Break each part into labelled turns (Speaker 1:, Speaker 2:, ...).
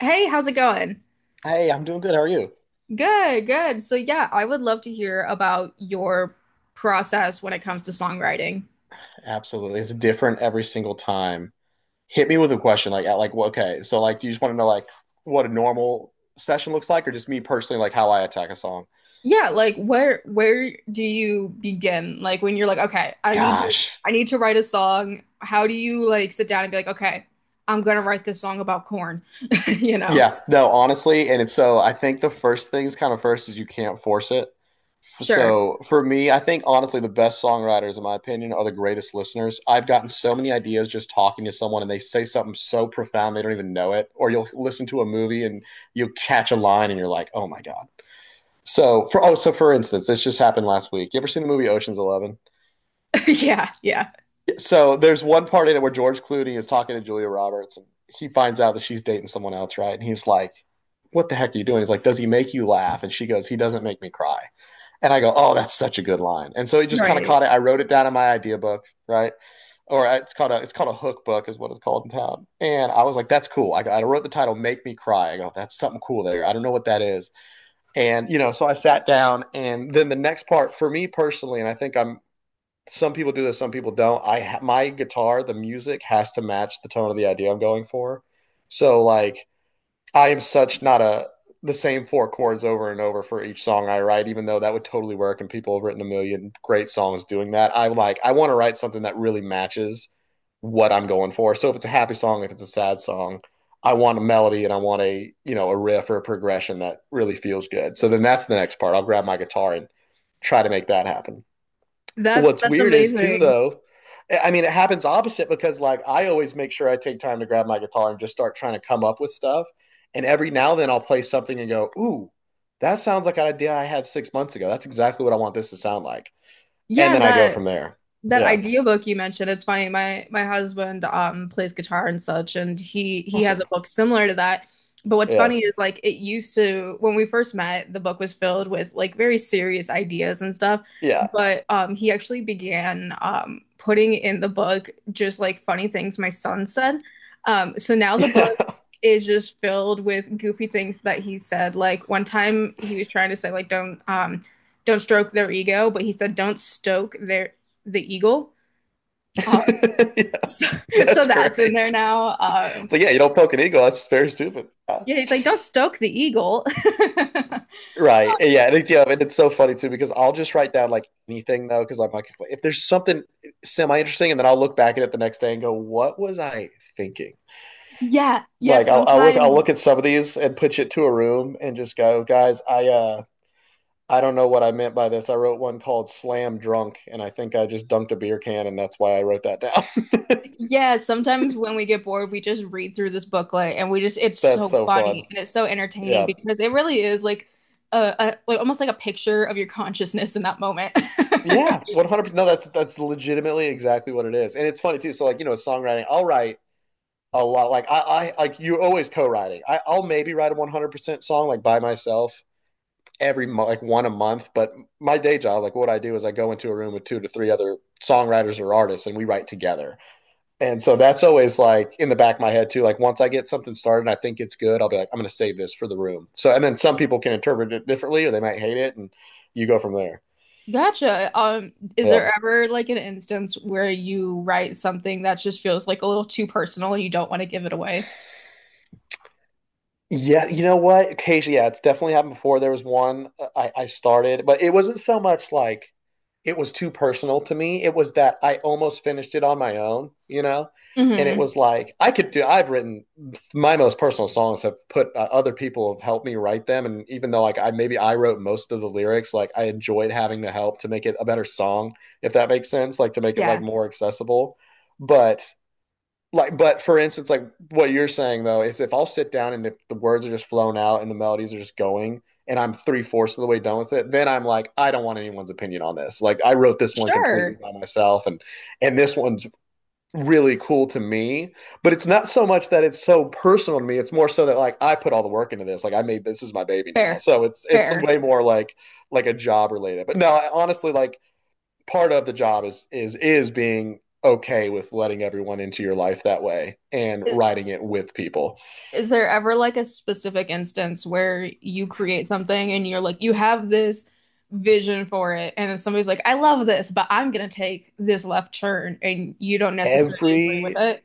Speaker 1: Hey, how's it going?
Speaker 2: Hey, I'm doing good. How are you?
Speaker 1: Good, good. So yeah, I would love to hear about your process when it comes to songwriting.
Speaker 2: Absolutely. It's different every single time. Hit me with a question like at okay, so like do you just want to know like what a normal session looks like, or just me personally like how I attack a song?
Speaker 1: Yeah, like where do you begin? Like when you're like, okay,
Speaker 2: Gosh.
Speaker 1: I need to write a song. How do you like sit down and be like, okay, I'm gonna write this song about corn, you know?
Speaker 2: Yeah, no, honestly, and it's so I think the first things kind of first is you can't force it.
Speaker 1: Sure.
Speaker 2: So for me, I think honestly the best songwriters in my opinion are the greatest listeners. I've gotten so many ideas just talking to someone and they say something so profound they don't even know it, or you'll listen to a movie and you'll catch a line and you're like, "Oh my God." So for instance, this just happened last week. You ever seen the movie Ocean's Eleven?
Speaker 1: Yeah, yeah.
Speaker 2: Yeah. So there's one part in it where George Clooney is talking to Julia Roberts, and he finds out that she's dating someone else, right? And he's like, "What the heck are you doing?" He's like, "Does he make you laugh?" And she goes, "He doesn't make me cry." And I go, "Oh, that's such a good line." And so he just kind of
Speaker 1: Right.
Speaker 2: caught it. I wrote it down in my idea book, right? Or it's called a hook book, is what it's called in town. And I was like, "That's cool." I wrote the title "Make Me Cry." I go, "That's something cool there. I don't know what that is." So I sat down, and then the next part for me personally, and some people do this, some people don't. My guitar, the music has to match the tone of the idea I'm going for. So like, I am such not a, the same four chords over and over for each song I write, even though that would totally work and people have written a million great songs doing that. I want to write something that really matches what I'm going for. So if it's a happy song, if it's a sad song, I want a melody and I want a, you know, a riff or a progression that really feels good. So then that's the next part. I'll grab my guitar and try to make that happen.
Speaker 1: That's
Speaker 2: What's
Speaker 1: that's
Speaker 2: weird is too
Speaker 1: amazing.
Speaker 2: though, I mean, it happens opposite because like I always make sure I take time to grab my guitar and just start trying to come up with stuff. And every now and then I'll play something and go, ooh, that sounds like an idea I had 6 months ago. That's exactly what I want this to sound like. And
Speaker 1: Yeah,
Speaker 2: then I go
Speaker 1: that.
Speaker 2: from there.
Speaker 1: That
Speaker 2: Yeah.
Speaker 1: idea book you mentioned, it's funny. My husband plays guitar and such, and he has a
Speaker 2: Awesome.
Speaker 1: book similar to that. But what's
Speaker 2: Yeah.
Speaker 1: funny is like it used to when we first met, the book was filled with like very serious ideas and stuff.
Speaker 2: Yeah.
Speaker 1: But um, he actually began um, putting in the book just like funny things my son said. Um, so now the
Speaker 2: Yeah.
Speaker 1: book is just filled with goofy things that he said. Like one time he was trying to say like don't stroke their ego, but he said don't stoke their the eagle. Uh,
Speaker 2: yeah.
Speaker 1: so, so
Speaker 2: That's
Speaker 1: that's in there
Speaker 2: great.
Speaker 1: now.
Speaker 2: So yeah, you don't poke an eagle, that's very stupid. Yeah.
Speaker 1: Yeah, he's like, don't stoke the eagle.
Speaker 2: Right. Yeah. And it's so funny too because I'll just write down like anything though because I'm like, if there's something semi interesting, and then I'll look back at it the next day and go, what was I thinking?
Speaker 1: Yeah,
Speaker 2: Like I'll I'll look I'll look at some of these and push it to a room and just go, guys, I don't know what I meant by this. I wrote one called Slam Drunk and I think I just dunked a beer can and that's why I wrote that down.
Speaker 1: yeah, sometimes when we get bored, we just read through this booklet and we just, it's
Speaker 2: That's
Speaker 1: so
Speaker 2: so fun.
Speaker 1: funny and it's so entertaining
Speaker 2: Yeah.
Speaker 1: because it really is like a like almost like a picture of your consciousness in that moment.
Speaker 2: Yeah, 100%. No, that's legitimately exactly what it is. And it's funny too. So like, you know, songwriting, I'll write a lot. Like, you always co-writing. I'll maybe write a 100% song like by myself every like one a month. But my day job, like what I do is I go into a room with two to three other songwriters or artists and we write together. And so that's always like in the back of my head too. Like, once I get something started and I think it's good, I'll be like, I'm going to save this for the room. So, and then some people can interpret it differently or they might hate it and you go from there.
Speaker 1: Gotcha. Is
Speaker 2: Yeah.
Speaker 1: there ever like an instance where you write something that just feels like a little too personal and you don't want to give it away?
Speaker 2: Yeah, you know what? Occasionally, yeah, it's definitely happened before. There was one. I started, but it wasn't so much like it was too personal to me. It was that I almost finished it on my own, you know? And it
Speaker 1: Hmm.
Speaker 2: was like I could do, I've written, my most personal songs have put other people have helped me write them. And even though like, I maybe I wrote most of the lyrics, like I enjoyed having the help to make it a better song, if that makes sense, like to make it like
Speaker 1: Yeah.
Speaker 2: more accessible. But like but for instance, like what you're saying though, is if I'll sit down and if the words are just flown out and the melodies are just going, and I'm three-fourths of the way done with it, then I'm like, I don't want anyone's opinion on this. Like, I wrote this one completely
Speaker 1: Sure.
Speaker 2: by myself, and this one's really cool to me. But it's not so much that it's so personal to me, it's more so that like I put all the work into this. Like I made, this is my baby now,
Speaker 1: Fair.
Speaker 2: so it's way
Speaker 1: Fair.
Speaker 2: more like a job related. But no, I honestly like, part of the job is being okay with letting everyone into your life that way and
Speaker 1: Is,
Speaker 2: writing it with people.
Speaker 1: is there ever like a specific instance where you create something and you're like, you have this vision for it, and then somebody's like, I love this, but I'm gonna take this left turn, and you don't necessarily agree with
Speaker 2: Every
Speaker 1: it?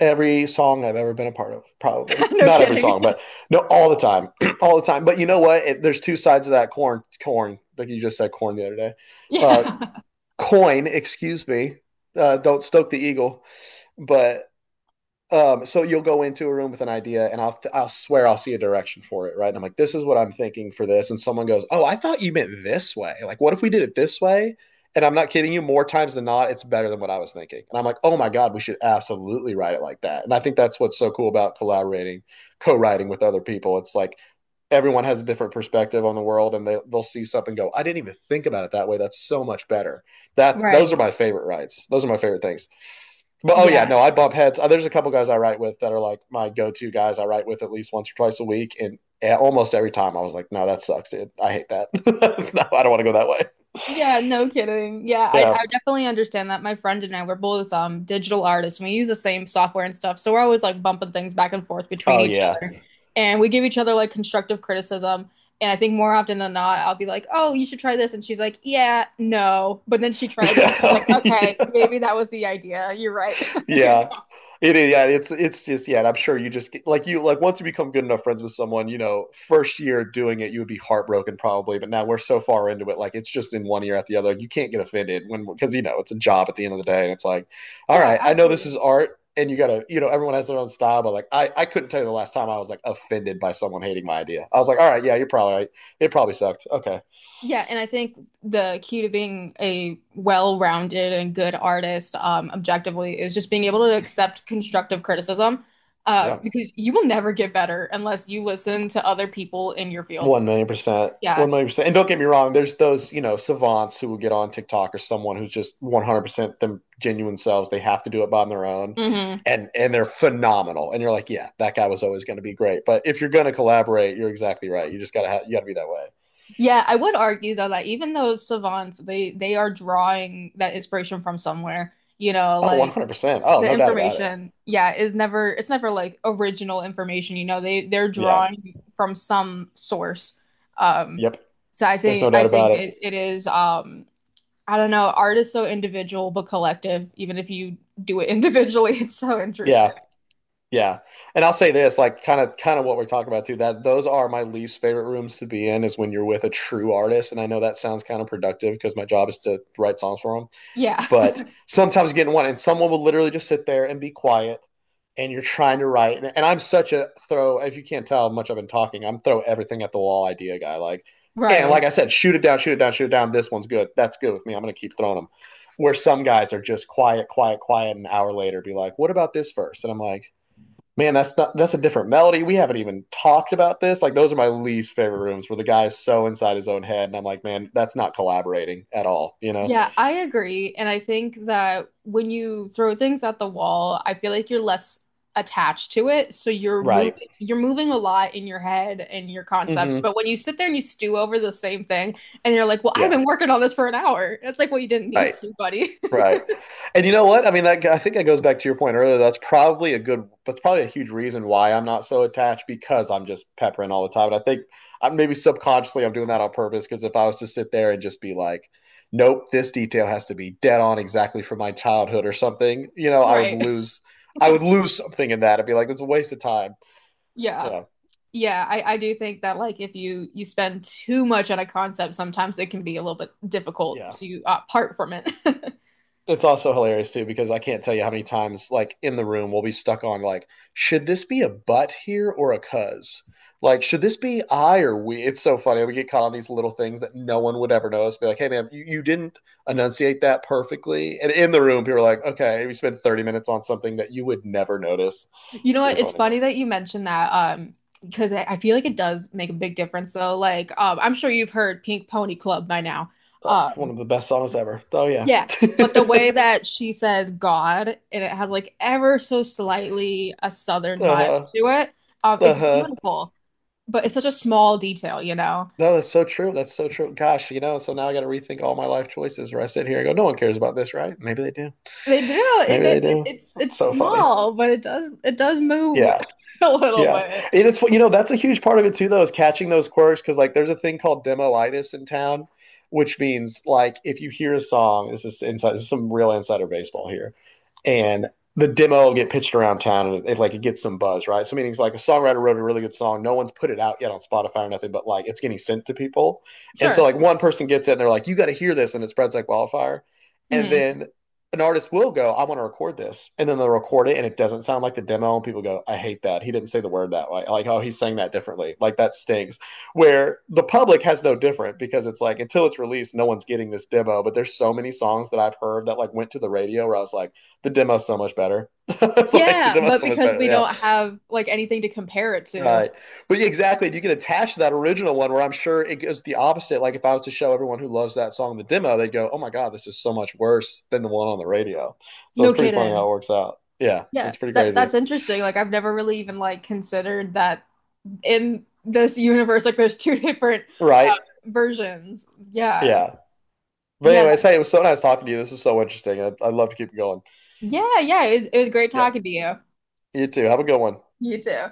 Speaker 2: every song I've ever been a part of, probably
Speaker 1: No
Speaker 2: not every
Speaker 1: kidding.
Speaker 2: song, but no, all the time, all the time. But you know what? There's two sides of that corn. Corn, like you just said, corn the other day. Uh,
Speaker 1: Yeah.
Speaker 2: Coin, excuse me. Don't stoke the eagle, but so you'll go into a room with an idea, and I'll swear I'll see a direction for it, right? And I'm like, this is what I'm thinking for this, and someone goes, oh, I thought you meant this way. Like, what if we did it this way? And I'm not kidding you, more times than not, it's better than what I was thinking. And I'm like, oh my god, we should absolutely write it like that. And I think that's what's so cool about collaborating, co-writing with other people. It's like, everyone has a different perspective on the world, and they'll see something and go, I didn't even think about it that way. That's so much better. That's Those are
Speaker 1: Right.
Speaker 2: my favorite writes. Those are my favorite things. But oh yeah,
Speaker 1: Yeah.
Speaker 2: no, I bump heads. There's a couple guys I write with that are like my go-to guys. I write with at least once or twice a week, and eh, almost every time I was like, "No, that sucks, dude. I hate that. It's not- I don't want to go that way."
Speaker 1: Yeah, no kidding. Yeah, I,
Speaker 2: Yeah.
Speaker 1: I definitely understand that. My friend and I, we're both um, digital artists and we use the same software and stuff. So we're always like bumping things back and forth between
Speaker 2: Oh
Speaker 1: each
Speaker 2: yeah.
Speaker 1: other. And we give each other like constructive criticism. And I think more often than not, I'll be like, "Oh, you should try this," and she's like, "Yeah, no." But then she tries it. She's
Speaker 2: Yeah.
Speaker 1: like, "Okay, maybe that was the idea. You're right." You
Speaker 2: Yeah.
Speaker 1: know?
Speaker 2: It is, yeah, it's just yeah, and I'm sure you just get, like, once you become good enough friends with someone, you know, first year doing it, you would be heartbroken probably, but now we're so far into it, like it's just in one ear at the other. You can't get offended when, because you know it's a job at the end of the day, and it's like, all
Speaker 1: Yeah,
Speaker 2: right, I know this is
Speaker 1: absolutely.
Speaker 2: art, and you gotta, you know, everyone has their own style, but like, I couldn't tell you the last time I was like offended by someone hating my idea. I was like, all right, yeah, you're probably right. It probably sucked. Okay,
Speaker 1: Yeah, and I think the key to being a well-rounded and good artist, objectively, is just being able to accept constructive criticism,
Speaker 2: yeah,
Speaker 1: because you will never get better unless you listen to other people in your field.
Speaker 2: 1,000,000%.
Speaker 1: Yeah.
Speaker 2: 1,000,000%. And don't get me wrong, there's those, you know, savants who will get on TikTok or someone who's just 100% them genuine selves. They have to do it on their own.
Speaker 1: Hmm.
Speaker 2: And they're phenomenal. And you're like, yeah, that guy was always going to be great. But if you're going to collaborate, you're exactly right. You just you got to be that way.
Speaker 1: Yeah, I would argue though that even those savants, they are drawing that inspiration from somewhere. You know,
Speaker 2: Oh,
Speaker 1: like
Speaker 2: 100%. Oh,
Speaker 1: the
Speaker 2: no doubt about it.
Speaker 1: information, yeah, is never it's never like original information, you know. They're
Speaker 2: Yeah.
Speaker 1: drawing from some source. Um,
Speaker 2: Yep.
Speaker 1: so
Speaker 2: There's no
Speaker 1: I
Speaker 2: doubt about
Speaker 1: think
Speaker 2: it.
Speaker 1: it, it is um, I don't know, art is so individual but collective, even if you do it individually, it's so interesting.
Speaker 2: Yeah. Yeah. And I'll say this, like kind of what we're talking about too, that those are my least favorite rooms to be in, is when you're with a true artist. And I know that sounds counterproductive because my job is to write songs for them.
Speaker 1: Yeah.
Speaker 2: But sometimes you get in one and someone will literally just sit there and be quiet and you're trying to write. And I'm such a throw, if you can't tell how much I've been talking, I'm throw everything at the wall idea guy. Like, and like
Speaker 1: Right.
Speaker 2: I said, shoot it down, shoot it down, shoot it down. This one's good. That's good with me. I'm gonna keep throwing them. Where some guys are just quiet, quiet, quiet, an hour later be like, what about this verse? And I'm like, man, that's not that's a different melody. We haven't even talked about this. Like those are my least favorite rooms where the guy is so inside his own head, and I'm like, man, that's not collaborating at all, you know?
Speaker 1: Yeah, I agree. And I think that when you throw things at the wall, I feel like you're less attached to it. So you're
Speaker 2: Right.
Speaker 1: moving you're moving a lot in your head and your concepts.
Speaker 2: Hmm.
Speaker 1: But when you sit there and you stew over the same thing and you're like, well, I've
Speaker 2: Yeah.
Speaker 1: been working on this for an hour. It's like, well, you didn't need
Speaker 2: Right.
Speaker 1: to, buddy.
Speaker 2: Right. And you know what I mean? That I think that goes back to your point earlier. That's probably a that's probably a huge reason why I'm not so attached, because I'm just peppering all the time. And I think I am, maybe subconsciously I'm doing that on purpose, because if I was to sit there and just be like, nope, this detail has to be dead on exactly from my childhood or something, you know,
Speaker 1: Right.
Speaker 2: I would lose something in that. I'd be like, it's a waste of time.
Speaker 1: Yeah.
Speaker 2: Yeah.
Speaker 1: Yeah, I do think that like if you spend too much on a concept, sometimes it can be a little bit difficult
Speaker 2: Yeah.
Speaker 1: to part from it.
Speaker 2: It's also hilarious too, because I can't tell you how many times, like in the room, we'll be stuck on like, should this be a but here or a cuz? Like, should this be I or we? It's so funny. We get caught on these little things that no one would ever notice. Be like, hey, man, you didn't enunciate that perfectly. And in the room, people are like, okay, we spent 30 minutes on something that you would never notice.
Speaker 1: You
Speaker 2: It's
Speaker 1: know what?
Speaker 2: pretty
Speaker 1: It's
Speaker 2: funny.
Speaker 1: funny that you mentioned that, because I feel like it does make a big difference. So, like, I'm sure you've heard Pink Pony Club by now.
Speaker 2: Oh, one
Speaker 1: Um,
Speaker 2: of the best songs ever. Oh, yeah.
Speaker 1: Yeah. But the
Speaker 2: uh
Speaker 1: way that she says God and it has like ever so slightly a southern vibe
Speaker 2: huh.
Speaker 1: to it,
Speaker 2: Uh
Speaker 1: it's
Speaker 2: huh.
Speaker 1: beautiful, but it's such a small detail, you know.
Speaker 2: No, that's so true. That's so true. Gosh, you know, so now I got to rethink all my life choices, where I sit here and go, no one cares about this, right? Maybe they do.
Speaker 1: They do.
Speaker 2: Maybe
Speaker 1: It,
Speaker 2: they
Speaker 1: it
Speaker 2: do.
Speaker 1: it's
Speaker 2: It's
Speaker 1: it's
Speaker 2: so funny.
Speaker 1: small, but it does move
Speaker 2: Yeah.
Speaker 1: a little
Speaker 2: Yeah.
Speaker 1: bit.
Speaker 2: And it's, you know, that's a huge part of it too, though, is catching those quirks. Cause like there's a thing called demolitis in town, which means like if you hear a song, this is some real insider baseball here. And the demo will get pitched around town and like it gets some buzz, right? So meaning it's like a songwriter wrote a really good song. No one's put it out yet on Spotify or nothing, but like it's getting sent to people. And so
Speaker 1: Sure.
Speaker 2: like one person gets it and they're like, you got to hear this. And it spreads like wildfire. And
Speaker 1: Hmm.
Speaker 2: then an artist will go, I want to record this. And then they'll record it and it doesn't sound like the demo. And people go, I hate that. He didn't say the word that way. Like, oh, he's saying that differently. Like, that stings. Where the public has no different, because it's like, until it's released, no one's getting this demo. But there's so many songs that I've heard that like went to the radio where I was like, the demo's so much better. It's like, the
Speaker 1: Yeah,
Speaker 2: demo's
Speaker 1: but
Speaker 2: so much
Speaker 1: because
Speaker 2: better.
Speaker 1: we
Speaker 2: Yeah.
Speaker 1: don't have like anything to compare it to.
Speaker 2: Right. But yeah, exactly. You can attach to that original one, where I'm sure it goes the opposite. Like if I was to show everyone who loves that song the demo, they'd go, oh my God, this is so much worse than the one on the radio. So
Speaker 1: No
Speaker 2: it's pretty funny how it
Speaker 1: kidding.
Speaker 2: works out. Yeah,
Speaker 1: Yeah,
Speaker 2: that's pretty
Speaker 1: that that's
Speaker 2: crazy.
Speaker 1: interesting. Like I've never really even like considered that in this universe like there's two different uh,
Speaker 2: Right.
Speaker 1: versions yeah.
Speaker 2: Yeah. But
Speaker 1: Yeah
Speaker 2: anyways,
Speaker 1: that,
Speaker 2: hey, it was so nice talking to you. This was so interesting. I'd love to keep it going.
Speaker 1: yeah yeah it was great
Speaker 2: Yeah.
Speaker 1: talking to you.
Speaker 2: You too. Have a good one.
Speaker 1: You too.